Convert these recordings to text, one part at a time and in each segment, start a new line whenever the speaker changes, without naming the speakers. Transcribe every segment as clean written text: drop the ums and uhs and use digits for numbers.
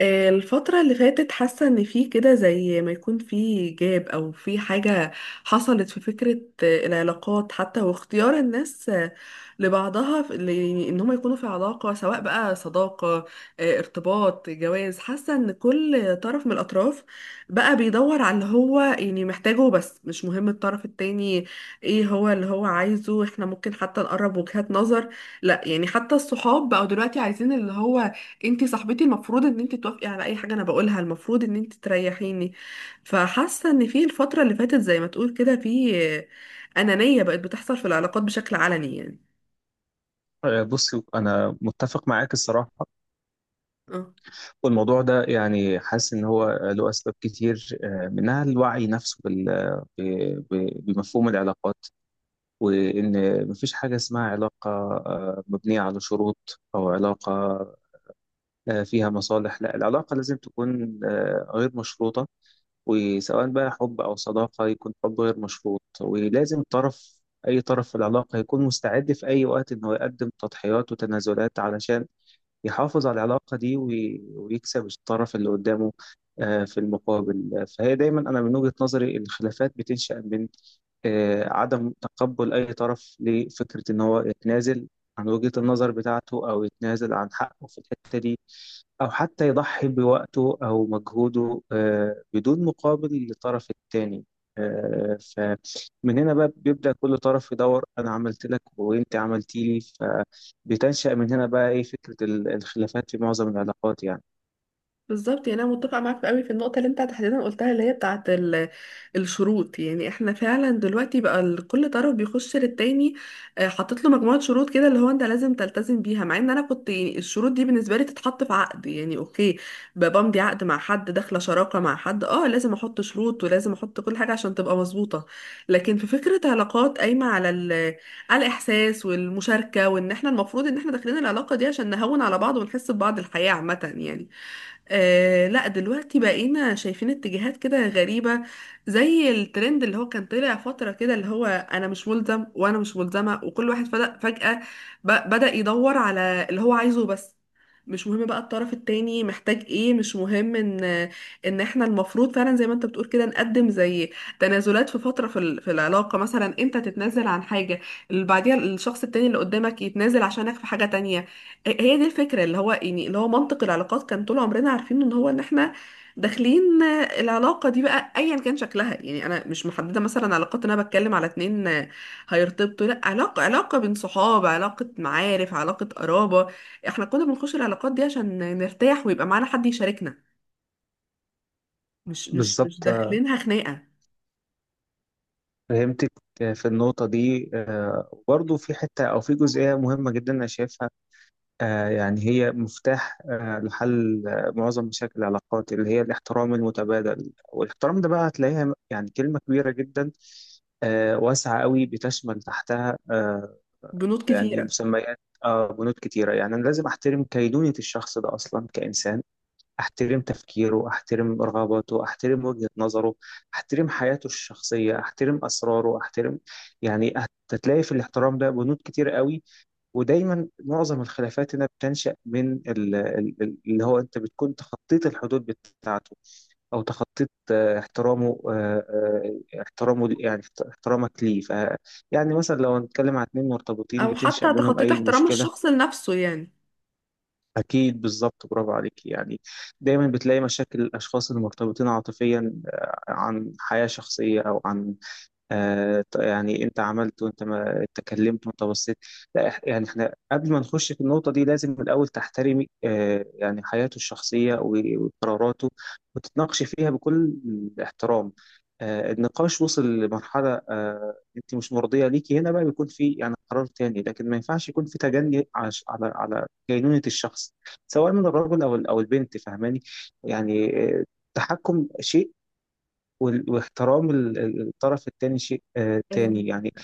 الفترة اللي فاتت حاسة ان في كده زي ما يكون في جاب او في حاجة حصلت في فكرة، العلاقات حتى واختيار الناس، لبعضها ان هم يكونوا في علاقة سواء بقى صداقة، ارتباط جواز. حاسة ان كل طرف من الاطراف بقى بيدور على اللي هو محتاجه، بس مش مهم الطرف التاني ايه هو اللي هو عايزه. احنا ممكن حتى نقرب وجهات نظر، لا حتى الصحاب بقوا دلوقتي عايزين اللي هو انتي صاحبتي المفروض ان انتي توافقي على اي حاجه انا بقولها، المفروض ان انتي تريحيني. فحاسه ان في الفتره اللي فاتت زي ما تقول كده في انانيه بقت بتحصل في العلاقات بشكل علني
بص انا متفق معاك الصراحه.
آه.
والموضوع ده يعني حاسس ان هو له اسباب كتير، منها الوعي نفسه بمفهوم العلاقات، وان مفيش حاجه اسمها علاقه مبنيه على شروط او علاقه فيها مصالح. لا، العلاقه لازم تكون غير مشروطه، وسواء بقى حب او صداقه يكون حب غير مشروط. ولازم اي طرف في العلاقه يكون مستعد في اي وقت انه يقدم تضحيات وتنازلات علشان يحافظ على العلاقة دي، ويكسب الطرف اللي قدامه في المقابل. فهي دايما، أنا من وجهة نظري الخلافات بتنشأ من عدم تقبل أي طرف لفكرة إن هو يتنازل عن وجهة النظر بتاعته، أو يتنازل عن حقه في الحتة دي، أو حتى يضحي بوقته أو مجهوده بدون مقابل للطرف التاني. فمن هنا بقى بيبدأ كل طرف يدور، أنا عملت لك وأنت عملتي لي. بتنشأ من هنا بقى إيه فكرة الخلافات في معظم العلاقات يعني.
بالظبط، انا متفقه معاك قوي في النقطه اللي انت تحديدا قلتها اللي هي بتاعه الشروط. احنا فعلا دلوقتي بقى كل طرف بيخش للتاني، حاطط له مجموعه شروط كده اللي هو انت لازم تلتزم بيها، مع ان انا كنت الشروط دي بالنسبه لي تتحط في عقد. يعني اوكي، بمضي عقد مع حد، داخله شراكه مع حد، اه لازم احط شروط ولازم احط كل حاجه عشان تبقى مظبوطه. لكن في فكره علاقات قايمه على على الاحساس والمشاركه، وان احنا المفروض ان احنا داخلين العلاقه دي عشان نهون على بعض ونحس ببعض الحياه عامه يعني. آه لا، دلوقتي بقينا شايفين اتجاهات كده غريبة، زي الترند اللي هو كان طلع فترة كده، اللي هو أنا مش ملزم وأنا مش ملزمة. وكل واحد فجأة, فجأة بدأ يدور على اللي هو عايزه بس، مش مهم بقى الطرف التاني محتاج ايه. مش مهم ان ان احنا المفروض فعلا زي ما انت بتقول كده نقدم زي تنازلات في فترة في في العلاقة. مثلا انت تتنازل عن حاجة اللي بعديها الشخص التاني اللي قدامك يتنازل عشانك في حاجة تانية. هي دي الفكرة اللي هو اللي هو منطق العلاقات كان طول عمرنا عارفين ان هو ان احنا داخلين، العلاقة دي بقى ايا كان شكلها. يعني انا مش محددة مثلا علاقات، إن انا بتكلم على اتنين، هيرتبطوا، لا، علاقة علاقة بين صحاب، علاقة معارف، علاقة قرابة. احنا كنا بنخش العلاقات دي عشان نرتاح ويبقى معانا حد يشاركنا، مش
بالظبط،
داخلينها خناقة.
فهمتك. في النقطة دي، وبرضه في حتة أو في جزئية مهمة جدا أنا شايفها، يعني هي مفتاح لحل معظم مشاكل العلاقات، اللي هي الاحترام المتبادل. والاحترام ده بقى هتلاقيها يعني كلمة كبيرة جدا، واسعة قوي، بتشمل تحتها
بنود
يعني
كتيرة.
مسميات، بنود كتيرة. يعني أنا لازم أحترم كينونة الشخص ده أصلا كإنسان، احترم تفكيره، احترم رغباته، احترم وجهة نظره، احترم حياته الشخصية، احترم اسراره، احترم يعني، هتلاقي في الاحترام ده بنود كتير قوي. ودايما معظم الخلافات هنا بتنشأ من اللي هو انت بتكون تخطيت الحدود بتاعته، او تخطيت احترامه احترامه يعني احترامك ليه. ف يعني مثلا لو هنتكلم عن اتنين مرتبطين
او
بتنشأ
حتى
بينهم
تخطيت
اي
احترام
مشكلة.
الشخص لنفسه يعني.
أكيد، بالظبط، برافو عليك يعني. دايما بتلاقي مشاكل الأشخاص المرتبطين عاطفيا عن حياة شخصية أو عن يعني انت عملت وانت ما اتكلمت وانت بصيت. لا، يعني احنا قبل ما نخش في النقطة دي لازم من الأول تحترمي يعني حياته الشخصية وقراراته، وتتناقشي فيها بكل احترام. النقاش وصل لمرحلة انت مش مرضية ليكي، هنا بقى بيكون في يعني قرار تاني، لكن ما ينفعش يكون في تجني على كينونة الشخص، سواء من الرجل او او البنت. فاهماني يعني؟ التحكم شيء، واحترام الطرف التاني شيء تاني يعني.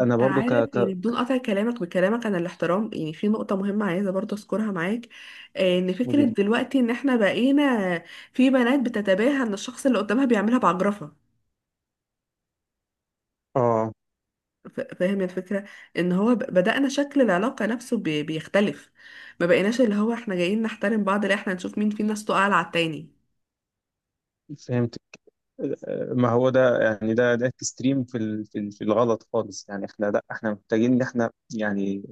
انا برضو ك
عارف،
ك
يعني بدون قطع كلامك بكلامك عن الاحترام، يعني في نقطة مهمة عايزة برضه اذكرها معاك، ان فكرة
قولي لي.
دلوقتي ان احنا بقينا في بنات بتتباهى ان الشخص اللي قدامها بيعملها بعجرفة.
اه،
فاهم الفكرة؟ ان هو بدأنا شكل العلاقة نفسه بيختلف. ما بقيناش اللي هو احنا جايين نحترم بعض، لا احنا نشوف مين فينا صوته اعلى على التاني.
فهمت. ما هو ده يعني ده اكستريم في في الغلط خالص يعني. احنا لا، احنا محتاجين ان احنا يعني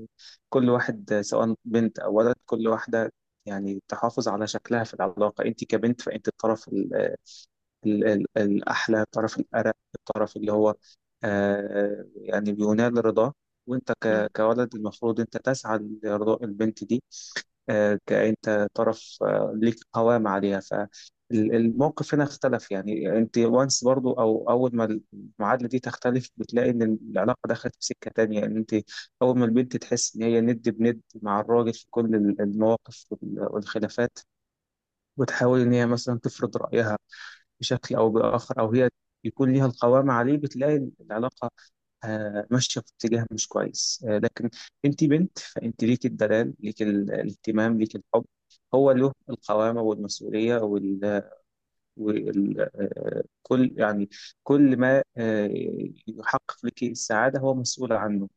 كل واحد، سواء بنت او ولد، كل واحده يعني تحافظ على شكلها في العلاقه. انت كبنت فانت الطرف الأحلى، طرف الأرق، الطرف اللي هو يعني بينال رضاه. وأنت
مم.
كولد المفروض أنت تسعى لرضاء البنت دي. كأنت طرف ليك قوام عليها، فالموقف هنا اختلف يعني. أنت وانس برضو، أو أول ما المعادلة دي تختلف بتلاقي إن العلاقة دخلت في سكة تانية، إن أنت أول ما البنت تحس إن هي ند بند مع الراجل في كل المواقف والخلافات، وتحاول إن هي مثلا تفرض رأيها بشكل أو بآخر، أو هي يكون ليها القوام عليه، بتلاقي العلاقة ماشية في اتجاه مش كويس. لكن أنت بنت، فأنت ليك الدلال، ليك الاهتمام، ليك الحب. هو له القوامة والمسؤولية، وال... وال... آه، كل يعني كل ما يحقق لك السعادة هو مسؤول عنه.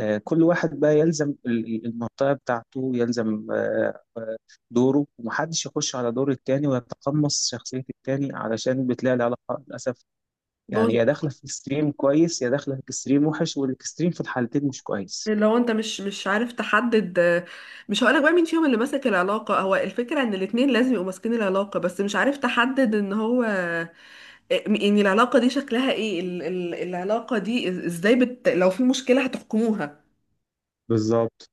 كل واحد بقى يلزم المنطقة بتاعته، يلزم دوره، ومحدش يخش على دور التاني ويتقمص شخصية التاني، علشان بتلاقي العلاقة للأسف
باظت.
يعني يا داخلة في اكستريم كويس يا داخلة في اكستريم وحش، والاكستريم في الحالتين مش كويس.
لو انت مش مش عارف تحدد، مش هقولك بقى مين فيهم اللي ماسك العلاقة، هو الفكرة ان الاتنين لازم يبقوا ماسكين العلاقة، بس مش عارف تحدد ان هو، العلاقة دي شكلها ايه، العلاقة دي ازاي بت... لو في مشكلة هتحكموها.
بالظبط،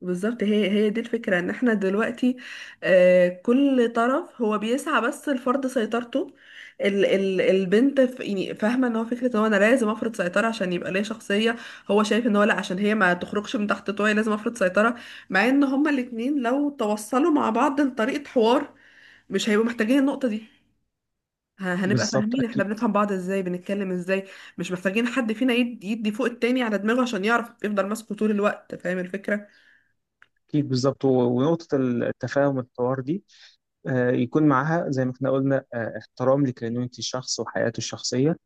بالظبط، هي هي دي الفكرة ان احنا دلوقتي، كل طرف هو بيسعى بس لفرض سيطرته. ال ال البنت يعني فاهمة ان هو فكرة ان هو انا لازم افرض سيطرة عشان يبقى ليا شخصية. هو شايف ان هو لا، عشان هي ما تخرجش من تحت طوعي لازم افرض سيطرة. مع ان هما الاتنين لو توصلوا مع بعض لطريقة حوار مش هيبقوا محتاجين النقطة دي. هنبقى
بالظبط.
فاهمين، احنا
أكيد،
بنفهم بعض ازاي، بنتكلم ازاي. مش محتاجين حد فينا يدي فوق التاني على دماغه عشان يعرف يفضل ماسكه طول الوقت. فاهم الفكرة؟
أكيد، بالظبط. ونقطة التفاهم الحوار دي يكون معاها زي ما احنا قلنا احترام لكينونة الشخص وحياته الشخصية.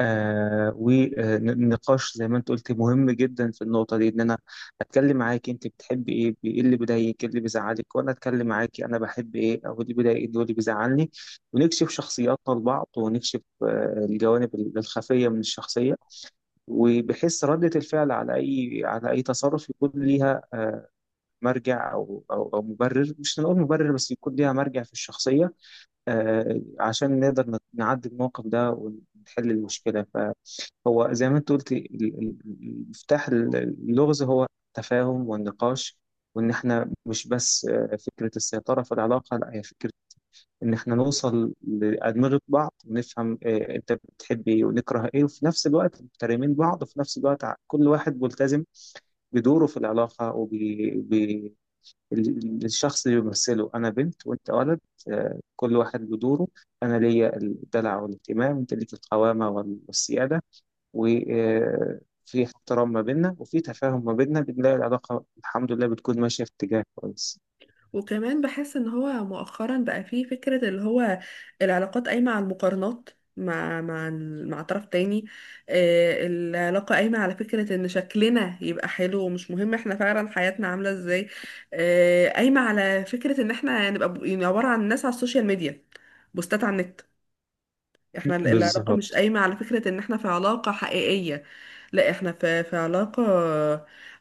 ونقاش زي ما انت قلت مهم جدا في النقطة دي، ان انا اتكلم معاك انت بتحبي ايه، ايه اللي بيضايقك، ايه اللي بيزعلك، وانا اتكلم معاكي انا بحب ايه او إيه اللي بيضايقني واللي بيزعلني. ونكشف شخصياتنا لبعض، ونكشف الجوانب الخفية من الشخصية، وبحيث ردة الفعل على اي تصرف يكون ليها مرجع او مبرر، مش هنقول مبرر بس يكون ليها مرجع في الشخصية، عشان نقدر نعدي الموقف ده ونحل المشكلة. فهو زي ما انت قلت المفتاح، اللغز هو التفاهم والنقاش، وان احنا مش بس فكرة السيطرة في العلاقة، لا، هي فكرة ان احنا نوصل لأدمغة بعض ونفهم انت بتحب ايه ونكره ايه، وفي نفس الوقت محترمين بعض، وفي نفس الوقت كل واحد ملتزم بدوره في العلاقة، الشخص اللي بيمثله انا بنت وانت ولد. كل واحد له دوره، انا ليا الدلع والاهتمام، وانت ليك القوامه والسياده، وفي احترام ما بيننا وفي تفاهم ما بيننا بنلاقي العلاقه الحمد لله بتكون ماشيه في اتجاه كويس.
وكمان بحس ان هو مؤخرا بقى فيه فكرة اللي هو العلاقات قايمة على المقارنات مع مع طرف تاني. العلاقة قايمة على فكرة ان شكلنا يبقى حلو ومش مهم احنا فعلا حياتنا عاملة ازاي. قايمة على فكرة ان احنا نبقى يعني عبارة عن ناس على السوشيال ميديا، بوستات على النت. احنا العلاقة مش
بالظبط،
قايمة على فكرة ان احنا في علاقة حقيقية، لا احنا في في علاقة،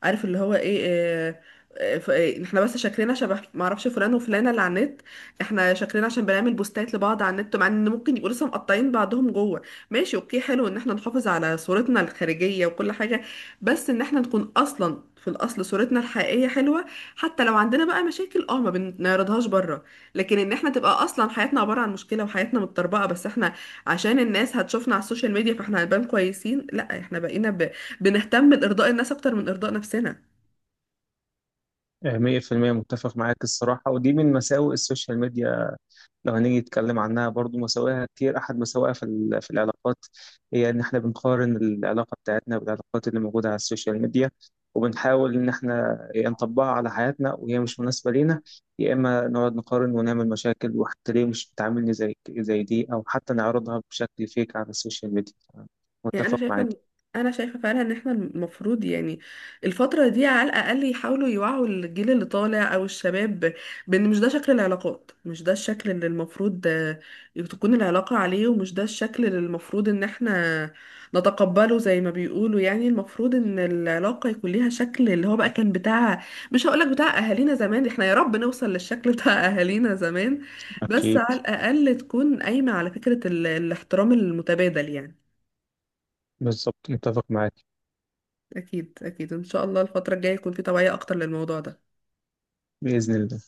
عارف اللي هو ايه احنا بس شكلنا شبه معرفش فلان وفلانة اللي على النت. احنا شكلنا عشان بنعمل بوستات لبعض على النت، مع ان ممكن يبقوا لسه مقطعين بعضهم جوه. ماشي اوكي، حلو ان احنا نحافظ على صورتنا الخارجية وكل حاجة، بس ان احنا نكون اصلا في الاصل صورتنا الحقيقية حلوة. حتى لو عندنا بقى مشاكل اه ما بنعرضهاش بره، لكن ان احنا تبقى اصلا حياتنا عبارة عن مشكلة وحياتنا متطربقة، بس احنا عشان الناس هتشوفنا على السوشيال ميديا فاحنا هنبان كويسين، لا احنا بقينا ب... بنهتم بارضاء الناس اكتر من ارضاء نفسنا.
100% متفق معاك الصراحه، ودي من مساوئ السوشيال ميديا لو هنيجي نتكلم عنها. برضو مساوئها كتير، أحد مساوئها في في العلاقات هي إن إحنا بنقارن العلاقة بتاعتنا بالعلاقات اللي موجودة على السوشيال ميديا، وبنحاول إن إحنا يا نطبقها على حياتنا وهي مش مناسبة لينا، يا إما نقعد نقارن ونعمل مشاكل، وحتى ليه مش بتعاملني زي دي، أو حتى نعرضها بشكل فيك على السوشيال ميديا.
يعني انا
متفق معاك.
انا شايفه فعلا ان احنا المفروض يعني الفتره دي على الاقل يحاولوا يوعوا الجيل اللي طالع او الشباب، بان مش ده شكل العلاقات، مش ده الشكل اللي المفروض تكون العلاقه عليه، ومش ده الشكل اللي المفروض ان احنا نتقبله زي ما بيقولوا. يعني المفروض ان العلاقه يكون ليها شكل اللي هو بقى كان بتاع، مش هقولك بتاع اهالينا زمان، احنا يا رب نوصل للشكل بتاع اهالينا زمان. بس
أكيد،
على الاقل تكون قايمه على فكره الاحترام المتبادل يعني.
بالظبط، متفق معاك.
اكيد اكيد ان شاء الله الفتره الجايه يكون في توعيه اكتر للموضوع ده.
بإذن الله.